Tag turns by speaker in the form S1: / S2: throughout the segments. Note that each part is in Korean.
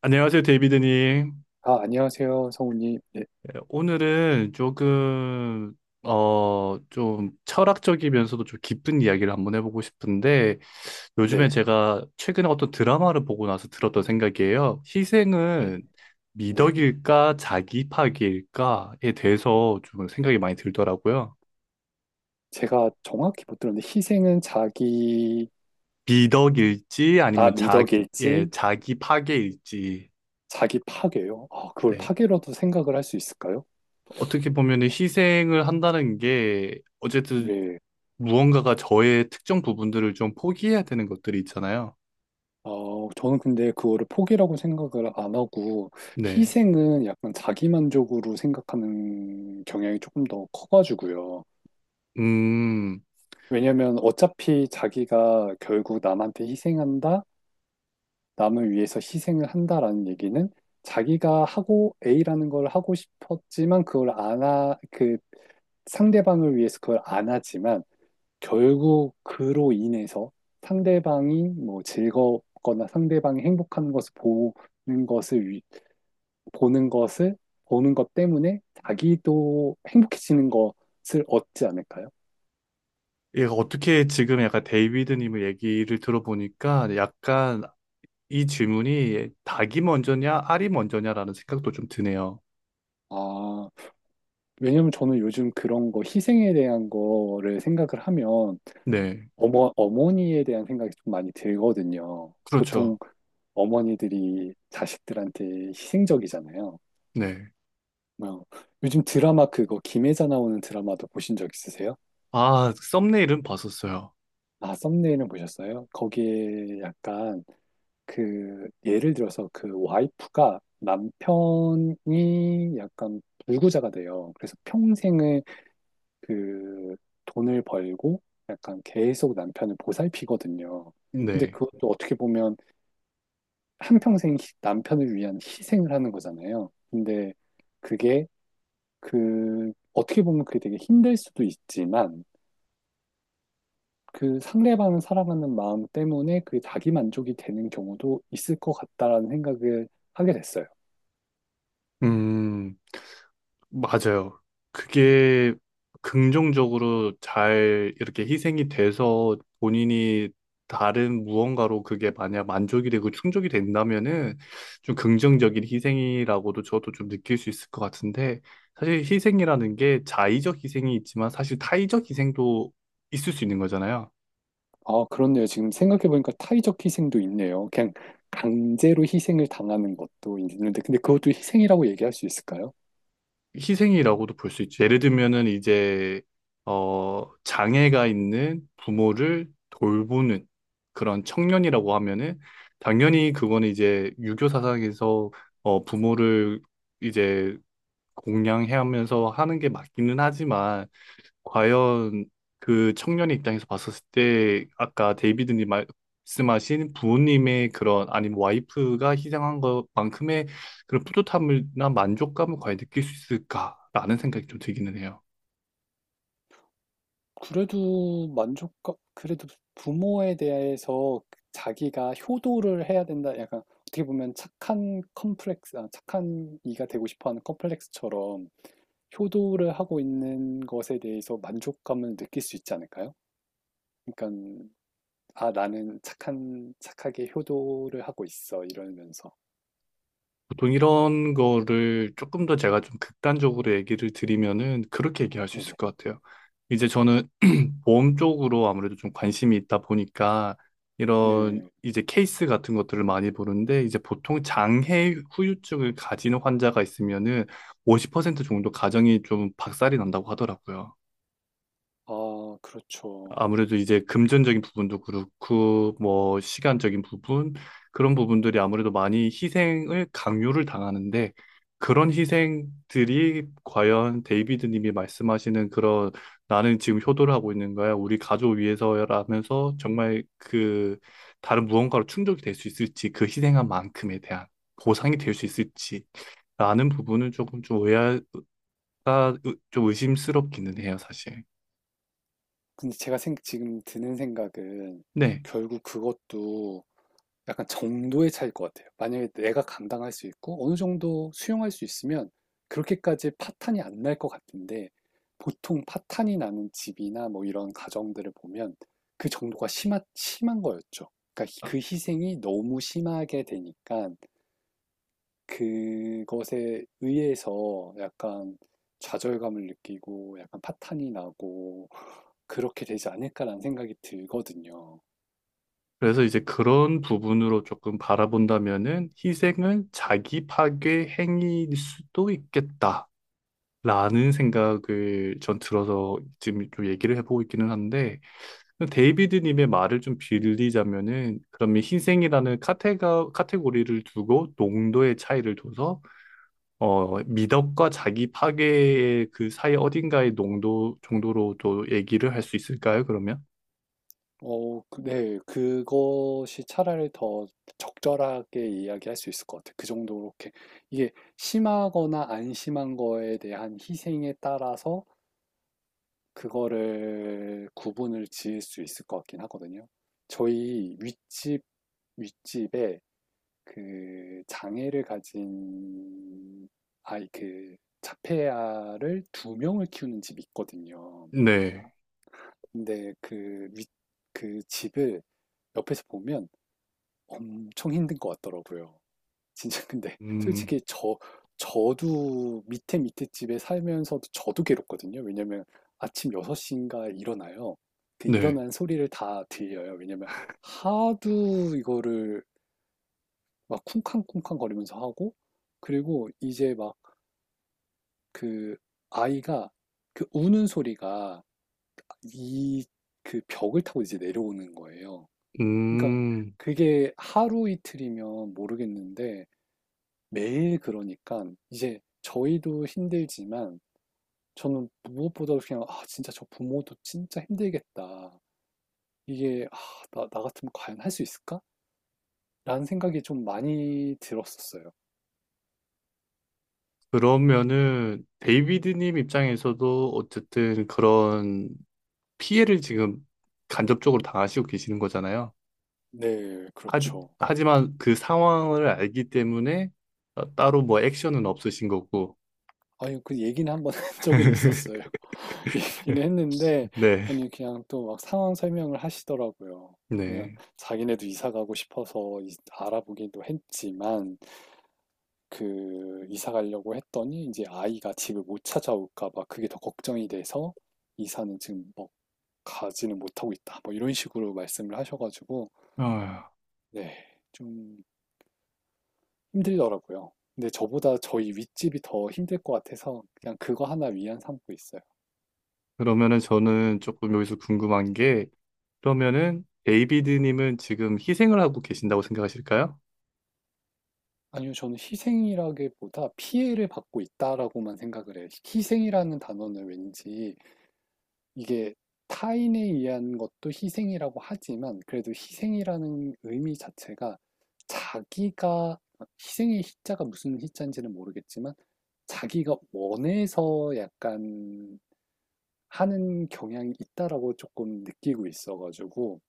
S1: 안녕하세요, 데이비드님.
S2: 아, 안녕하세요, 성우님. 네,
S1: 예, 오늘은 조금, 좀 철학적이면서도 좀 깊은 이야기를 한번 해보고 싶은데, 요즘에
S2: 네,
S1: 제가 최근에 어떤 드라마를 보고 나서 들었던 생각이에요.
S2: 네.
S1: 희생은
S2: 네.
S1: 미덕일까, 자기 파기일까에 대해서 좀 생각이 많이 들더라고요.
S2: 제가 정확히 못 들었는데, 희생은 자기,
S1: 미덕일지,
S2: 아,
S1: 아니면 자기, 예,
S2: 미덕일지,
S1: 자기 파괴일지.
S2: 자기 파괴요. 아, 그걸
S1: 네.
S2: 파괴라도 생각을 할 수 있을까요?
S1: 어떻게 보면 희생을 한다는 게, 어쨌든
S2: 네.
S1: 무언가가 저의 특정 부분들을 좀 포기해야 되는 것들이 있잖아요.
S2: 저는 근데 그거를 포기라고 생각을 안 하고,
S1: 네.
S2: 희생은 약간 자기만족으로 생각하는 경향이 조금 더 커가지고요.
S1: 음,
S2: 왜냐면 어차피 자기가 결국 남한테 희생한다? 남을 위해서 희생을 한다라는 얘기는 자기가 하고 A라는 걸 하고 싶었지만 그걸 안 하, 그 상대방을 위해서 그걸 안 하지만 결국 그로 인해서 상대방이 뭐 즐겁거나 상대방이 행복한 것을 보는 것을 위- 보는 것을 보는 것 때문에 자기도 행복해지는 것을 얻지 않을까요?
S1: 얘가 어떻게 지금 약간 데이비드님 의 얘기를 들어보니까 약간 이 질문이 닭이 먼저냐, 알이 먼저냐라는 생각도 좀 드네요.
S2: 아, 왜냐면 저는 요즘 그런 거 희생에 대한 거를 생각을 하면
S1: 네.
S2: 어머니에 대한 생각이 좀 많이 들거든요.
S1: 그렇죠.
S2: 보통 어머니들이 자식들한테 희생적이잖아요.
S1: 네.
S2: 뭐, 요즘 드라마 그거 김혜자 나오는 드라마도 보신 적 있으세요?
S1: 아, 썸네일은 봤었어요.
S2: 아, 썸네일은 보셨어요? 거기에 약간 그 예를 들어서 그 와이프가 남편이 약간 불구자가 돼요. 그래서 평생을 그 돈을 벌고 약간 계속 남편을 보살피거든요. 근데
S1: 네.
S2: 그것도 어떻게 보면 한평생 남편을 위한 희생을 하는 거잖아요. 근데 그게 그 어떻게 보면 그게 되게 힘들 수도 있지만 그 상대방을 사랑하는 마음 때문에 그게 자기 만족이 되는 경우도 있을 것 같다라는 생각을 하게 됐어요.
S1: 음. 맞아요. 그게 긍정적으로 잘 이렇게 희생이 돼서 본인이 다른 무언가로 그게 만약 만족이 되고 충족이 된다면은 좀 긍정적인 희생이라고도 저도 좀 느낄 수 있을 것 같은데 사실 희생이라는 게 자의적 희생이 있지만 사실 타의적 희생도 있을 수 있는 거잖아요.
S2: 아, 그렇네요. 지금 생각해보니까 타의적 희생도 있네요. 그냥 강제로 희생을 당하는 것도 있는데, 근데 그것도 희생이라고 얘기할 수 있을까요?
S1: 희생이라고도 볼 수 있죠. 예를 들면은 이제 장애가 있는 부모를 돌보는 그런 청년이라고 하면은 당연히 그거는 이제 유교 사상에서 부모를 이제 공양해 하면서 하는 게 맞기는 하지만 과연 그 청년의 입장에서 봤었을 때 아까 데이비드님 말씀하신 부모님의 그런 아니면 와이프가 희생한 것만큼의 그런 뿌듯함이나 만족감을 과연 느낄 수 있을까라는 생각이 좀 들기는 해요.
S2: 그래도 만족감, 그래도 부모에 대해서 자기가 효도를 해야 된다. 약간 어떻게 보면 착한 컴플렉스, 아, 착한 이가 되고 싶어 하는 컴플렉스처럼 효도를 하고 있는 것에 대해서 만족감을 느낄 수 있지 않을까요? 그러니까, 아, 나는 착하게 효도를 하고 있어. 이러면서.
S1: 보통 이런 거를 조금 더 제가 좀 극단적으로 얘기를 드리면은 그렇게 얘기할 수 있을
S2: 네네.
S1: 것 같아요. 이제 저는 보험 쪽으로 아무래도 좀 관심이 있다 보니까 이런
S2: 네.
S1: 이제 케이스 같은 것들을 많이 보는데 이제 보통 장해 후유증을 가지는 환자가 있으면은 50% 정도 가정이 좀 박살이 난다고 하더라고요.
S2: 아, 그렇죠.
S1: 아무래도 이제 금전적인 부분도 그렇고 뭐 시간적인 부분 그런 부분들이 아무래도 많이 희생을 강요를 당하는데 그런 희생들이 과연 데이비드 님이 말씀하시는 그런 나는 지금 효도를 하고 있는 거야. 우리 가족 위해서라면서 정말 그 다른 무언가로 충족이 될 수 있을지 그 희생한 만큼에 대한 보상이 될 수 있을지 라는 부분은 조금 좀 의아가 좀 의심스럽기는 해요, 사실.
S2: 근데 지금 드는 생각은
S1: 네.
S2: 결국 그것도 약간 정도의 차이일 것 같아요. 만약에 내가 감당할 수 있고 어느 정도 수용할 수 있으면 그렇게까지 파탄이 안 날 것 같은데 보통 파탄이 나는 집이나 뭐 이런 가정들을 보면 그 정도가 심한 거였죠. 그러니까 그 희생이 너무 심하게 되니까 그것에 의해서 약간 좌절감을 느끼고 약간 파탄이 나고 그렇게 되지 않을까라는 생각이 들거든요.
S1: 그래서 이제 그런 부분으로 조금 바라본다면은 희생은 자기 파괴 행위일 수도 있겠다라는 생각을 전 들어서 지금 좀 얘기를 해보고 있기는 한데 데이비드님의 말을 좀 빌리자면은 그러면 희생이라는 카테고리를 두고 농도의 차이를 둬서 미덕과 자기 파괴의 그 사이 어딘가의 농도 정도로도 얘기를 할 수 있을까요, 그러면?
S2: 네. 그것이 차라리 더 적절하게 이야기할 수 있을 것 같아요. 그 정도로 이렇게 이게 심하거나 안 심한 거에 대한 희생에 따라서 그거를 구분을 지을 수 있을 것 같긴 하거든요. 저희 윗집 윗집에 그 장애를 가진 아이 그 자폐아를 두 명을 키우는 집이 있거든요.
S1: 네.
S2: 근데 그 윗, 그 집을 옆에서 보면 엄청 힘든 것 같더라고요. 진짜 근데
S1: 음,
S2: 솔직히 저도 밑에 집에 살면서도 저도 괴롭거든요. 왜냐면 아침 6시인가 일어나요. 그
S1: 네.
S2: 일어난 소리를 다 들려요. 왜냐면 하도 이거를 막 쿵쾅쿵쾅 거리면서 하고 그리고 이제 막 그 아이가 그 우는 소리가 이 그 벽을 타고 이제 내려오는 거예요. 그러니까
S1: 음.
S2: 그게 하루 이틀이면 모르겠는데 매일 그러니까 이제 저희도 힘들지만 저는 무엇보다도 그냥 아 진짜 저 부모도 진짜 힘들겠다. 이게 아, 나 같으면 과연 할 수 있을까? 라는 생각이 좀 많이 들었었어요.
S1: 그러면은 데이비드님 입장에서도 어쨌든 그런 피해를 지금 간접적으로 당하시고 계시는 거잖아요.
S2: 네,
S1: 하지,
S2: 그렇죠.
S1: 하지만 그 상황을 알기 때문에 따로 뭐 액션은 없으신 거고.
S2: 아니, 그 얘기는 한번 한 적은 있었어요. 얘기는 했는데,
S1: 네,
S2: 아니, 그냥 또 막 상황 설명을 하시더라고요. 그냥
S1: 네.
S2: 자기네도 이사 가고 싶어서 알아보기도 했지만, 그 이사 가려고 했더니 이제 아이가 집을 못 찾아올까 봐 그게 더 걱정이 돼서 이사는 지금 뭐 가지는 못하고 있다. 뭐 이런 식으로 말씀을 하셔가지고
S1: 아,
S2: 네, 좀 힘들더라고요. 근데 저보다 저희 윗집이 더 힘들 것 같아서 그냥 그거 하나 위안 삼고 있어요.
S1: 그러면은 저는 조금 여기서 궁금한 게 그러면은 데이비드님은 지금 희생을 하고 계신다고 생각하실까요?
S2: 아니요, 저는 희생이라기보다 피해를 받고 있다라고만 생각을 해요. 희생이라는 단어는 왠지 이게 타인에 의한 것도 희생이라고 하지만 그래도 희생이라는 의미 자체가 자기가 희생의 희자가 무슨 희자인지는 모르겠지만 자기가 원해서 약간 하는 경향이 있다라고 조금 느끼고 있어가지고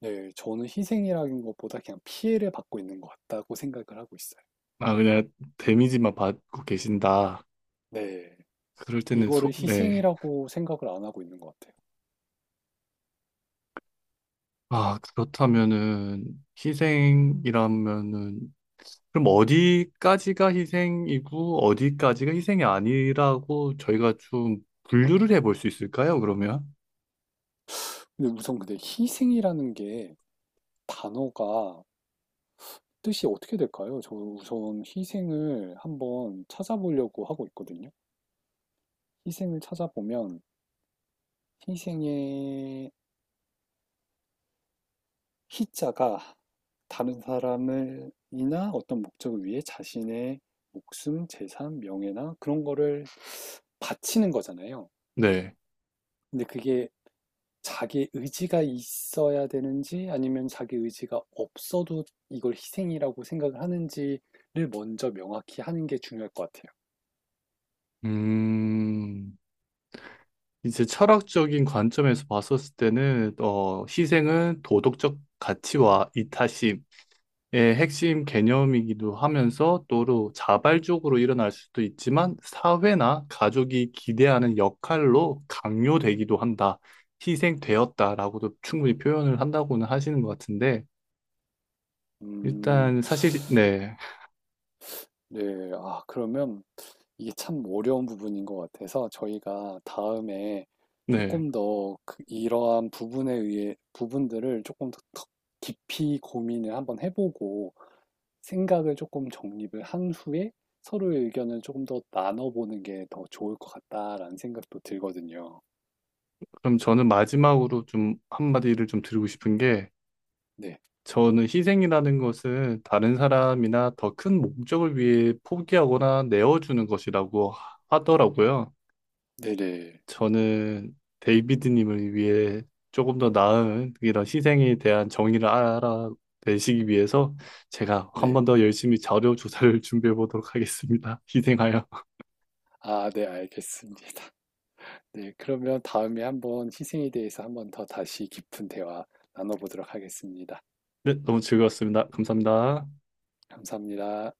S2: 네, 저는 희생이라는 것보다 그냥 피해를 받고 있는 것 같다고 생각을 하고 있어요.
S1: 아, 그냥 데미지만 받고 계신다.
S2: 네,
S1: 그럴 때는
S2: 이거를
S1: 네.
S2: 희생이라고 생각을 안 하고 있는 것 같아요.
S1: 아, 그렇다면은 희생이라면은 그럼 어디까지가 희생이고 어디까지가 희생이 아니라고 저희가 좀 분류를 해볼 수 있을까요, 그러면?
S2: 근데 우선 근데 희생이라는 게 단어가 뜻이 어떻게 될까요? 저 우선 희생을 한번 찾아보려고 하고 있거든요. 희생을 찾아보면 희생의 희자가 다른 사람을 이나 어떤 목적을 위해 자신의 목숨, 재산, 명예나 그런 거를 바치는 거잖아요.
S1: 네.
S2: 근데 그게 자기 의지가 있어야 되는지 아니면 자기 의지가 없어도 이걸 희생이라고 생각을 하는지를 먼저 명확히 하는 게 중요할 것 같아요.
S1: 음, 이제 철학적인 관점에서 봤었을 때는 희생은 도덕적 가치와 이타심 의 핵심 개념이기도 하면서 또로 자발적으로 일어날 수도 있지만 사회나 가족이 기대하는 역할로 강요되기도 한다. 희생되었다라고도 충분히 표현을 한다고는 하시는 것 같은데
S2: 음,
S1: 일단 사실 네.
S2: 네, 아, 그러면 이게 참 어려운 부분인 것 같아서 저희가 다음에
S1: 네.
S2: 이러한 부분에 의해 부분들을 더 깊이 고민을 한번 해보고 생각을 조금 정립을 한 후에 서로의 의견을 조금 더 나눠보는 게 더 좋을 것 같다라는 생각도 들거든요.
S1: 그럼 저는 마지막으로 좀 한마디를 좀 드리고 싶은 게
S2: 네,
S1: 저는 희생이라는 것은 다른 사람이나 더 큰 목적을 위해 포기하거나 내어주는 것이라고 하더라고요.
S2: 네네,
S1: 저는 데이비드님을 위해 조금 더 나은 이런 희생에 대한 정의를 알아내시기 위해서 제가 한
S2: 네.
S1: 번 더 열심히 자료 조사를 준비해 보도록 하겠습니다. 희생하여.
S2: 아, 네, 알겠습니다. 네, 그러면 다음에 한번 희생에 대해서 한번 더 다시 깊은 대화 나눠보도록 하겠습니다.
S1: 네, 너무 즐거웠습니다. 감사합니다.
S2: 감사합니다.